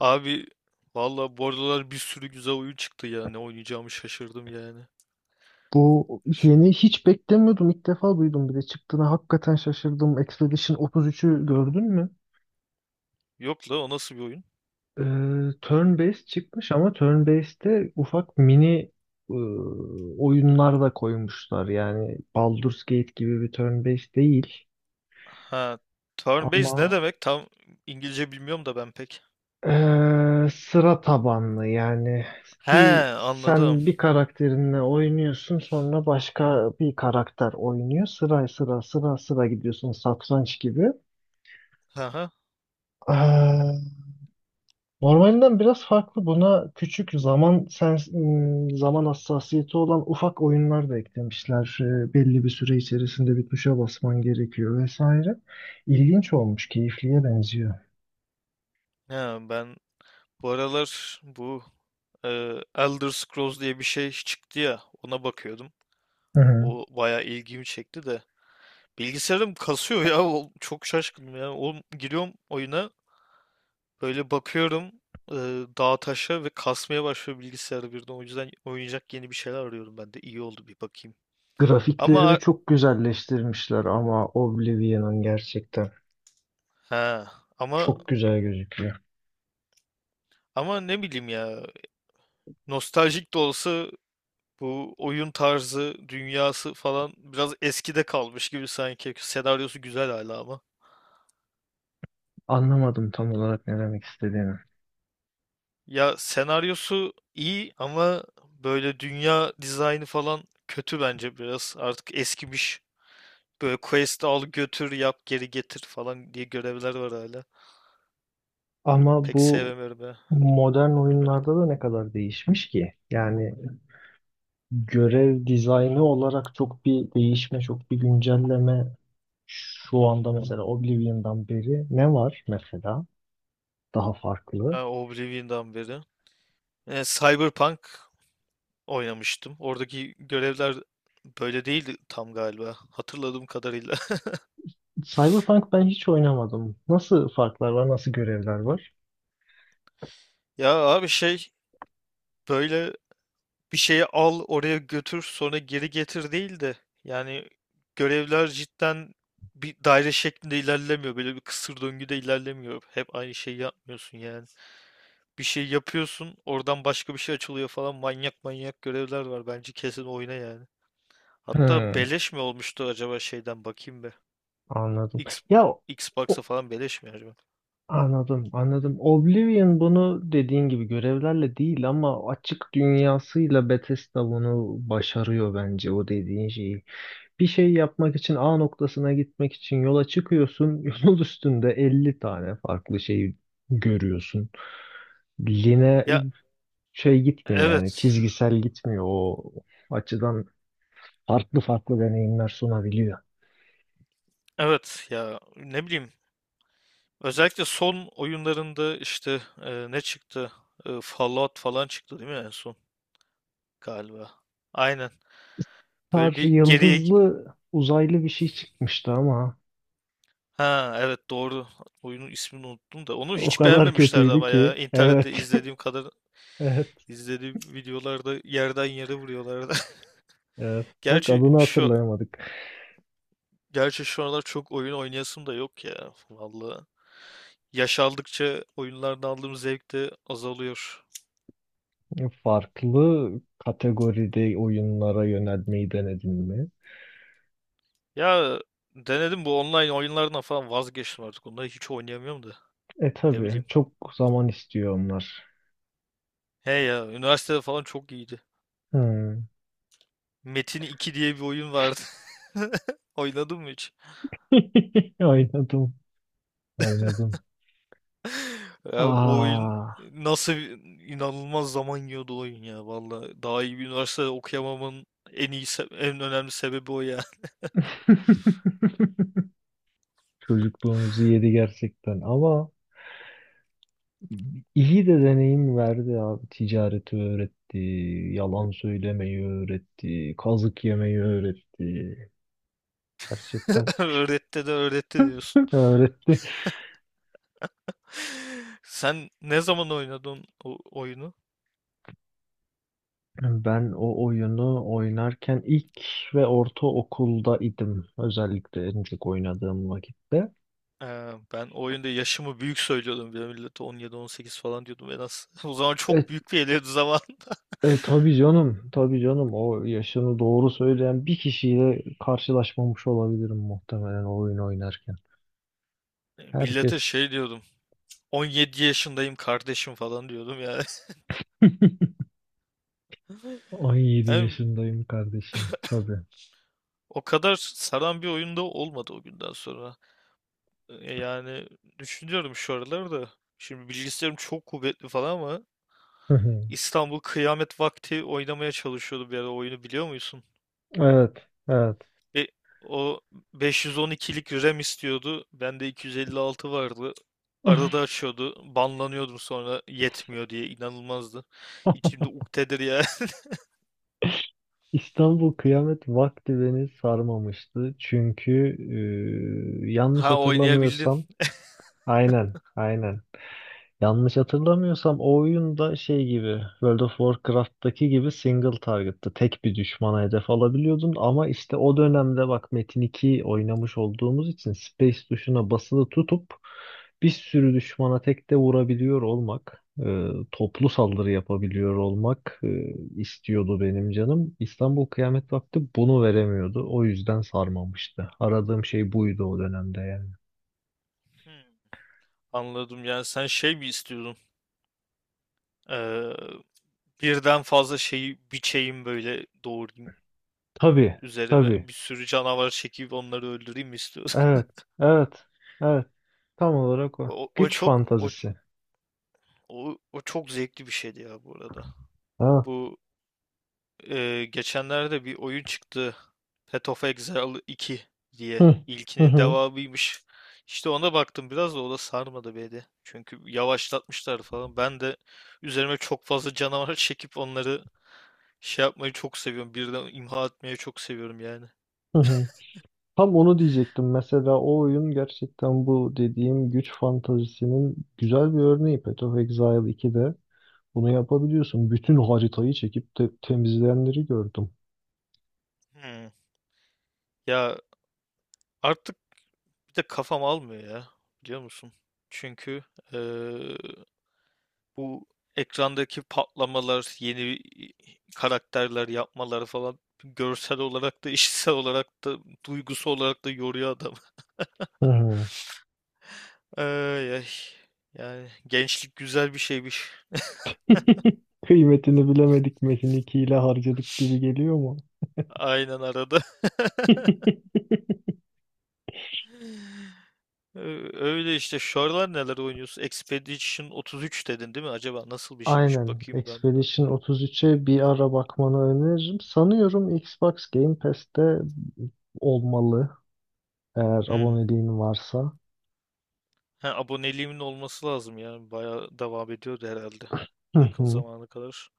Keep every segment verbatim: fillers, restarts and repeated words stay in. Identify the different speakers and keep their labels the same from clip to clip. Speaker 1: Abi valla bu aralar bir sürü güzel oyun çıktı ya. Ne oynayacağımı şaşırdım yani.
Speaker 2: Bu
Speaker 1: Ş-
Speaker 2: yeni hiç beklemiyordum. İlk defa duydum bir de çıktığına hakikaten şaşırdım. Expedition otuz üçü gördün mü?
Speaker 1: Yok la, o nasıl bir oyun?
Speaker 2: Ee, turn-based çıkmış ama turn-based'te ufak mini ıı, oyunlar da koymuşlar. Yani Baldur's Gate gibi bir turn-based değil
Speaker 1: Ha, turn based ne
Speaker 2: ama
Speaker 1: demek? Tam İngilizce bilmiyorum da ben pek.
Speaker 2: Ee, sıra tabanlı yani
Speaker 1: He,
Speaker 2: bir
Speaker 1: anladım.
Speaker 2: sen bir karakterinle oynuyorsun, sonra başka bir karakter oynuyor, sıra sıra sıra sıra gidiyorsun, satranç gibi.
Speaker 1: Aha.
Speaker 2: Ee, normalinden biraz farklı. Buna küçük zaman sen m, zaman hassasiyeti olan ufak oyunlar da eklemişler. Ee, belli bir süre içerisinde bir tuşa basman gerekiyor vesaire. İlginç olmuş, keyifliye benziyor.
Speaker 1: Ha, ben bu aralar bu e, Elder Scrolls diye bir şey çıktı ya, ona bakıyordum.
Speaker 2: Hı hı.
Speaker 1: O bayağı ilgimi çekti de. Bilgisayarım kasıyor ya. o- Çok şaşkınım ya. Oğlum, giriyorum oyuna, böyle bakıyorum, e, dağa taşa ve kasmaya başlıyor bilgisayarı birden. O yüzden oynayacak yeni bir şeyler arıyorum ben de. İyi oldu, bir bakayım.
Speaker 2: Grafiklerini
Speaker 1: Ama
Speaker 2: çok güzelleştirmişler ama Oblivion'ın gerçekten
Speaker 1: ha ama
Speaker 2: çok güzel gözüküyor.
Speaker 1: ama ne bileyim ya. Nostaljik de olsa bu oyun tarzı, dünyası falan biraz eskide kalmış gibi sanki. Senaryosu güzel hala ama.
Speaker 2: Anlamadım tam olarak ne demek istediğini.
Speaker 1: Ya senaryosu iyi ama böyle dünya dizaynı falan kötü bence biraz. Artık eskimiş. Böyle quest'i al götür yap geri getir falan diye görevler var hala.
Speaker 2: Ama
Speaker 1: Pek
Speaker 2: bu
Speaker 1: sevmiyorum ya.
Speaker 2: modern oyunlarda da ne kadar değişmiş ki? Yani görev dizaynı olarak çok bir değişme, çok bir güncelleme şu anda mesela Oblivion'dan beri ne var mesela daha farklı?
Speaker 1: Ha, Oblivion'dan beri. E, Cyberpunk oynamıştım. Oradaki görevler böyle değildi tam galiba. Hatırladığım kadarıyla.
Speaker 2: Cyberpunk ben hiç oynamadım. Nasıl farklar var, nasıl görevler var?
Speaker 1: Ya abi şey, böyle bir şeyi al oraya götür sonra geri getir değil de, yani görevler cidden bir daire şeklinde ilerlemiyor. Böyle bir kısır döngüde ilerlemiyor. Hep aynı şeyi yapmıyorsun yani. Bir şey yapıyorsun, oradan başka bir şey açılıyor falan. Manyak manyak görevler var. Bence kesin oyna yani. Hatta
Speaker 2: Hmm,
Speaker 1: beleş mi olmuştu acaba, şeyden bakayım be.
Speaker 2: anladım.
Speaker 1: X,
Speaker 2: Ya
Speaker 1: Xbox'a
Speaker 2: o-
Speaker 1: falan beleş mi acaba?
Speaker 2: anladım, anladım. Oblivion bunu dediğin gibi görevlerle değil ama açık dünyasıyla Bethesda bunu başarıyor bence, o dediğin şeyi. Bir şey yapmak için A noktasına gitmek için yola çıkıyorsun. Yol üstünde elli tane farklı şey görüyorsun. Line
Speaker 1: Ya
Speaker 2: şey gitmiyor yani,
Speaker 1: evet.
Speaker 2: çizgisel gitmiyor o açıdan, farklı farklı deneyimler sunabiliyor.
Speaker 1: Evet ya, ne bileyim. Özellikle son oyunlarında işte, e, ne çıktı? E, Fallout falan çıktı değil mi en son? Galiba. Aynen. Böyle
Speaker 2: Star
Speaker 1: bir geriye...
Speaker 2: yıldızlı uzaylı bir şey çıkmıştı ama
Speaker 1: Ha evet, doğru. Oyunun ismini unuttum da. Onu
Speaker 2: o
Speaker 1: hiç
Speaker 2: kadar
Speaker 1: beğenmemişlerdi
Speaker 2: kötüydü
Speaker 1: ama ya.
Speaker 2: ki.
Speaker 1: İnternette
Speaker 2: Evet.
Speaker 1: izlediğim kadar
Speaker 2: Evet,
Speaker 1: izlediğim videolarda yerden yere vuruyorlardı.
Speaker 2: evet. Bak,
Speaker 1: Gerçi
Speaker 2: adını
Speaker 1: şu
Speaker 2: hatırlayamadık.
Speaker 1: gerçi şu aralar çok oyun oynayasım da yok ya. Vallahi. Yaş aldıkça oyunlardan aldığım zevk de azalıyor.
Speaker 2: Farklı kategoride oyunlara yönelmeyi denedin mi?
Speaker 1: Ya denedim, bu online oyunlardan falan vazgeçtim artık. Onları hiç oynayamıyorum da.
Speaker 2: E,
Speaker 1: Ne
Speaker 2: tabii,
Speaker 1: bileyim.
Speaker 2: çok zaman istiyor onlar.
Speaker 1: He ya, üniversitede falan çok iyiydi.
Speaker 2: Hmm.
Speaker 1: Metin iki diye bir oyun vardı. Oynadın mı hiç?
Speaker 2: Oynadım, oynadım.
Speaker 1: Ya o oyun
Speaker 2: Aa,
Speaker 1: nasıl bir- inanılmaz zaman yiyordu o oyun ya. Vallahi daha iyi bir üniversitede okuyamamın en iyi se- en önemli sebebi o ya.
Speaker 2: çocukluğumuzu yedi gerçekten ama iyi de deneyim verdi abi. Ticareti öğretti, yalan söylemeyi öğretti, kazık yemeyi öğretti. Gerçekten
Speaker 1: Öğretti de öğretti diyorsun.
Speaker 2: öğretti.
Speaker 1: Sen ne zaman oynadın o oyunu?
Speaker 2: Ben o oyunu oynarken ilk ve ortaokulda idim. Özellikle en çok oynadığım vakitte.
Speaker 1: Ee, ben o oyunda yaşımı büyük söylüyordum. Bir de millete on yedi on sekiz falan diyordum en az. O zaman
Speaker 2: E,
Speaker 1: çok büyük bir geliyordu zaman.
Speaker 2: e, tabii canım, tabii canım. O yaşını doğru söyleyen bir kişiyle karşılaşmamış olabilirim muhtemelen o oyunu oynarken.
Speaker 1: Millete
Speaker 2: Herkes
Speaker 1: şey diyordum. on yedi yaşındayım kardeşim falan diyordum ya.
Speaker 2: on yedi
Speaker 1: Yani
Speaker 2: yaşındayım kardeşim. Tabii.
Speaker 1: o kadar saran bir oyunda olmadı o günden sonra. E, Yani düşünüyorum şu aralar da. Şimdi bilgisayarım çok kuvvetli falan ama İstanbul Kıyamet Vakti oynamaya çalışıyordu bir ara, oyunu biliyor musun?
Speaker 2: Evet, evet.
Speaker 1: Ve o beş yüz on ikilik RAM istiyordu. Bende iki yüz elli altı vardı. Arada açıyordu. Banlanıyordum sonra yetmiyor diye, inanılmazdı. İçimde uktedir ya.
Speaker 2: İstanbul Kıyamet Vakti beni sarmamıştı. Çünkü e, yanlış
Speaker 1: Ha, oynayabildin.
Speaker 2: hatırlamıyorsam aynen, aynen. Yanlış hatırlamıyorsam o oyun da şey gibi, World of Warcraft'taki gibi single target'tı. Tek bir düşmana hedef alabiliyordun ama işte o dönemde bak, Metin iki oynamış olduğumuz için, space tuşuna basılı tutup bir sürü düşmana tek de vurabiliyor olmak, e, toplu saldırı yapabiliyor olmak e, istiyordu benim canım. İstanbul Kıyamet Vakti bunu veremiyordu. O yüzden sarmamıştı. Aradığım şey buydu o dönemde yani.
Speaker 1: Hmm. Anladım, yani sen şey mi istiyordun? Birden fazla şeyi biçeyim, böyle doğrayayım.
Speaker 2: Tabii, tabii.
Speaker 1: Üzerime bir sürü canavar çekip onları öldüreyim mi istiyorsun?
Speaker 2: Evet, evet. Evet. Tam olarak o.
Speaker 1: O, o
Speaker 2: Güç
Speaker 1: çok o,
Speaker 2: fantazisi.
Speaker 1: o, o çok zevkli bir şeydi ya bu arada.
Speaker 2: Ha.
Speaker 1: Bu e, geçenlerde bir oyun çıktı, Path of Exile iki diye.
Speaker 2: Hı. Hı
Speaker 1: İlkinin
Speaker 2: hı.
Speaker 1: devamıymış. İşte ona baktım biraz, da o da sarmadı beni. Çünkü yavaşlatmışlar falan. Ben de üzerime çok fazla canavar çekip onları şey yapmayı çok seviyorum. Birden imha etmeyi çok seviyorum yani.
Speaker 2: Hı hı. Tam onu diyecektim. Mesela o oyun gerçekten bu dediğim güç fantazisinin güzel bir örneği. Path of Exile ikide bunu yapabiliyorsun. Bütün haritayı çekip te- temizleyenleri gördüm.
Speaker 1: Hmm. Ya artık bir de kafam almıyor ya, biliyor musun? Çünkü eee, bu ekrandaki patlamalar, yeni karakterler yapmaları falan görsel olarak da, işitsel olarak da, duygusu olarak da yoruyor adam.
Speaker 2: Hı hı.
Speaker 1: Ay ay. Yani gençlik güzel bir şeymiş.
Speaker 2: Kıymetini bilemedik, Metin iki ile harcadık gibi geliyor mu?
Speaker 1: Aynen arada. Ö- Öyle işte. Şu aralar neler oynuyorsun? Expedition otuz üç dedin değil mi? Acaba nasıl bir şeymiş?
Speaker 2: Aynen.
Speaker 1: Bakayım ben buna.
Speaker 2: Expedition otuz üçe bir ara bakmanı öneririm. Sanıyorum Xbox Game Pass'te olmalı, eğer
Speaker 1: Hmm.
Speaker 2: aboneliğin varsa.
Speaker 1: Ha, aboneliğimin olması lazım ya. Bayağı devam ediyordu herhalde
Speaker 2: Hı
Speaker 1: yakın
Speaker 2: hı.
Speaker 1: zamana kadar.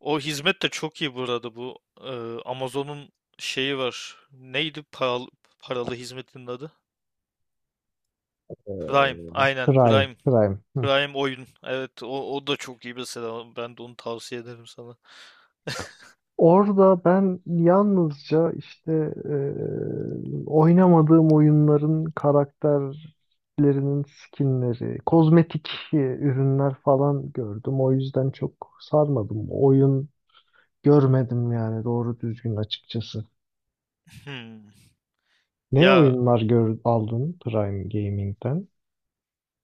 Speaker 1: O hizmet de çok iyi burada, bu e, Amazon'un şeyi var. Neydi paralı, paralı hizmetinin adı? Prime. Aynen,
Speaker 2: Prime,
Speaker 1: Prime.
Speaker 2: Prime. Hı.
Speaker 1: Prime oyun. Evet, o, o da çok iyi mesela. Ben de onu tavsiye ederim sana.
Speaker 2: Orada ben yalnızca işte e, oynamadığım oyunların karakterlerinin skinleri, kozmetik e, ürünler falan gördüm. O yüzden çok sarmadım. Oyun görmedim yani doğru düzgün, açıkçası.
Speaker 1: Hmm.
Speaker 2: Ne
Speaker 1: Ya
Speaker 2: oyunlar gör, aldın Prime Gaming'den?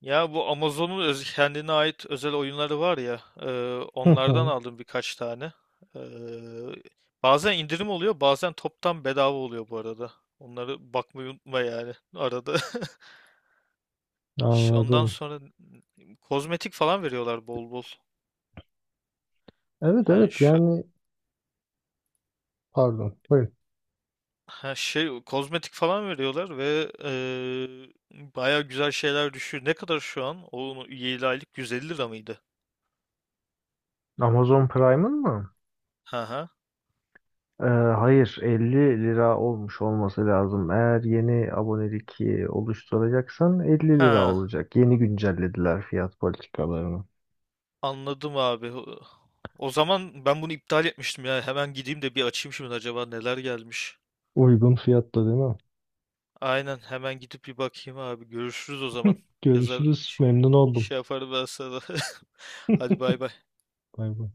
Speaker 1: Ya bu Amazon'un öz- kendine ait özel oyunları var ya, e,
Speaker 2: Hı
Speaker 1: onlardan
Speaker 2: hı.
Speaker 1: aldım birkaç tane. E, bazen indirim oluyor, bazen toptan bedava oluyor bu arada. Onları bakmayı unutma yani arada. Ş- Ondan
Speaker 2: Anladım.
Speaker 1: sonra n- kozmetik falan veriyorlar bol bol.
Speaker 2: Evet,
Speaker 1: Yani
Speaker 2: evet
Speaker 1: şu
Speaker 2: yani, pardon. Buyurun.
Speaker 1: ha şey kozmetik falan veriyorlar ve e, baya güzel şeyler düşüyor. Ne kadar şu an? Onun yedi aylık yüz elli lira mıydı?
Speaker 2: Amazon Prime'ın mı?
Speaker 1: Ha ha.
Speaker 2: Ee, hayır elli lira olmuş olması lazım. Eğer yeni abonelik e, oluşturacaksan elli lira
Speaker 1: Ha,
Speaker 2: olacak. Yeni güncellediler fiyat politikalarını.
Speaker 1: anladım abi. O o zaman ben bunu iptal etmiştim ya. Hemen gideyim de bir açayım şimdi, acaba neler gelmiş.
Speaker 2: Uygun fiyatta değil mi?
Speaker 1: Aynen, hemen gidip bir bakayım abi. Görüşürüz o zaman. Yazar
Speaker 2: Görüşürüz. Memnun oldum.
Speaker 1: şey yaparım ben sana. Hadi bay bay.
Speaker 2: Bay bay.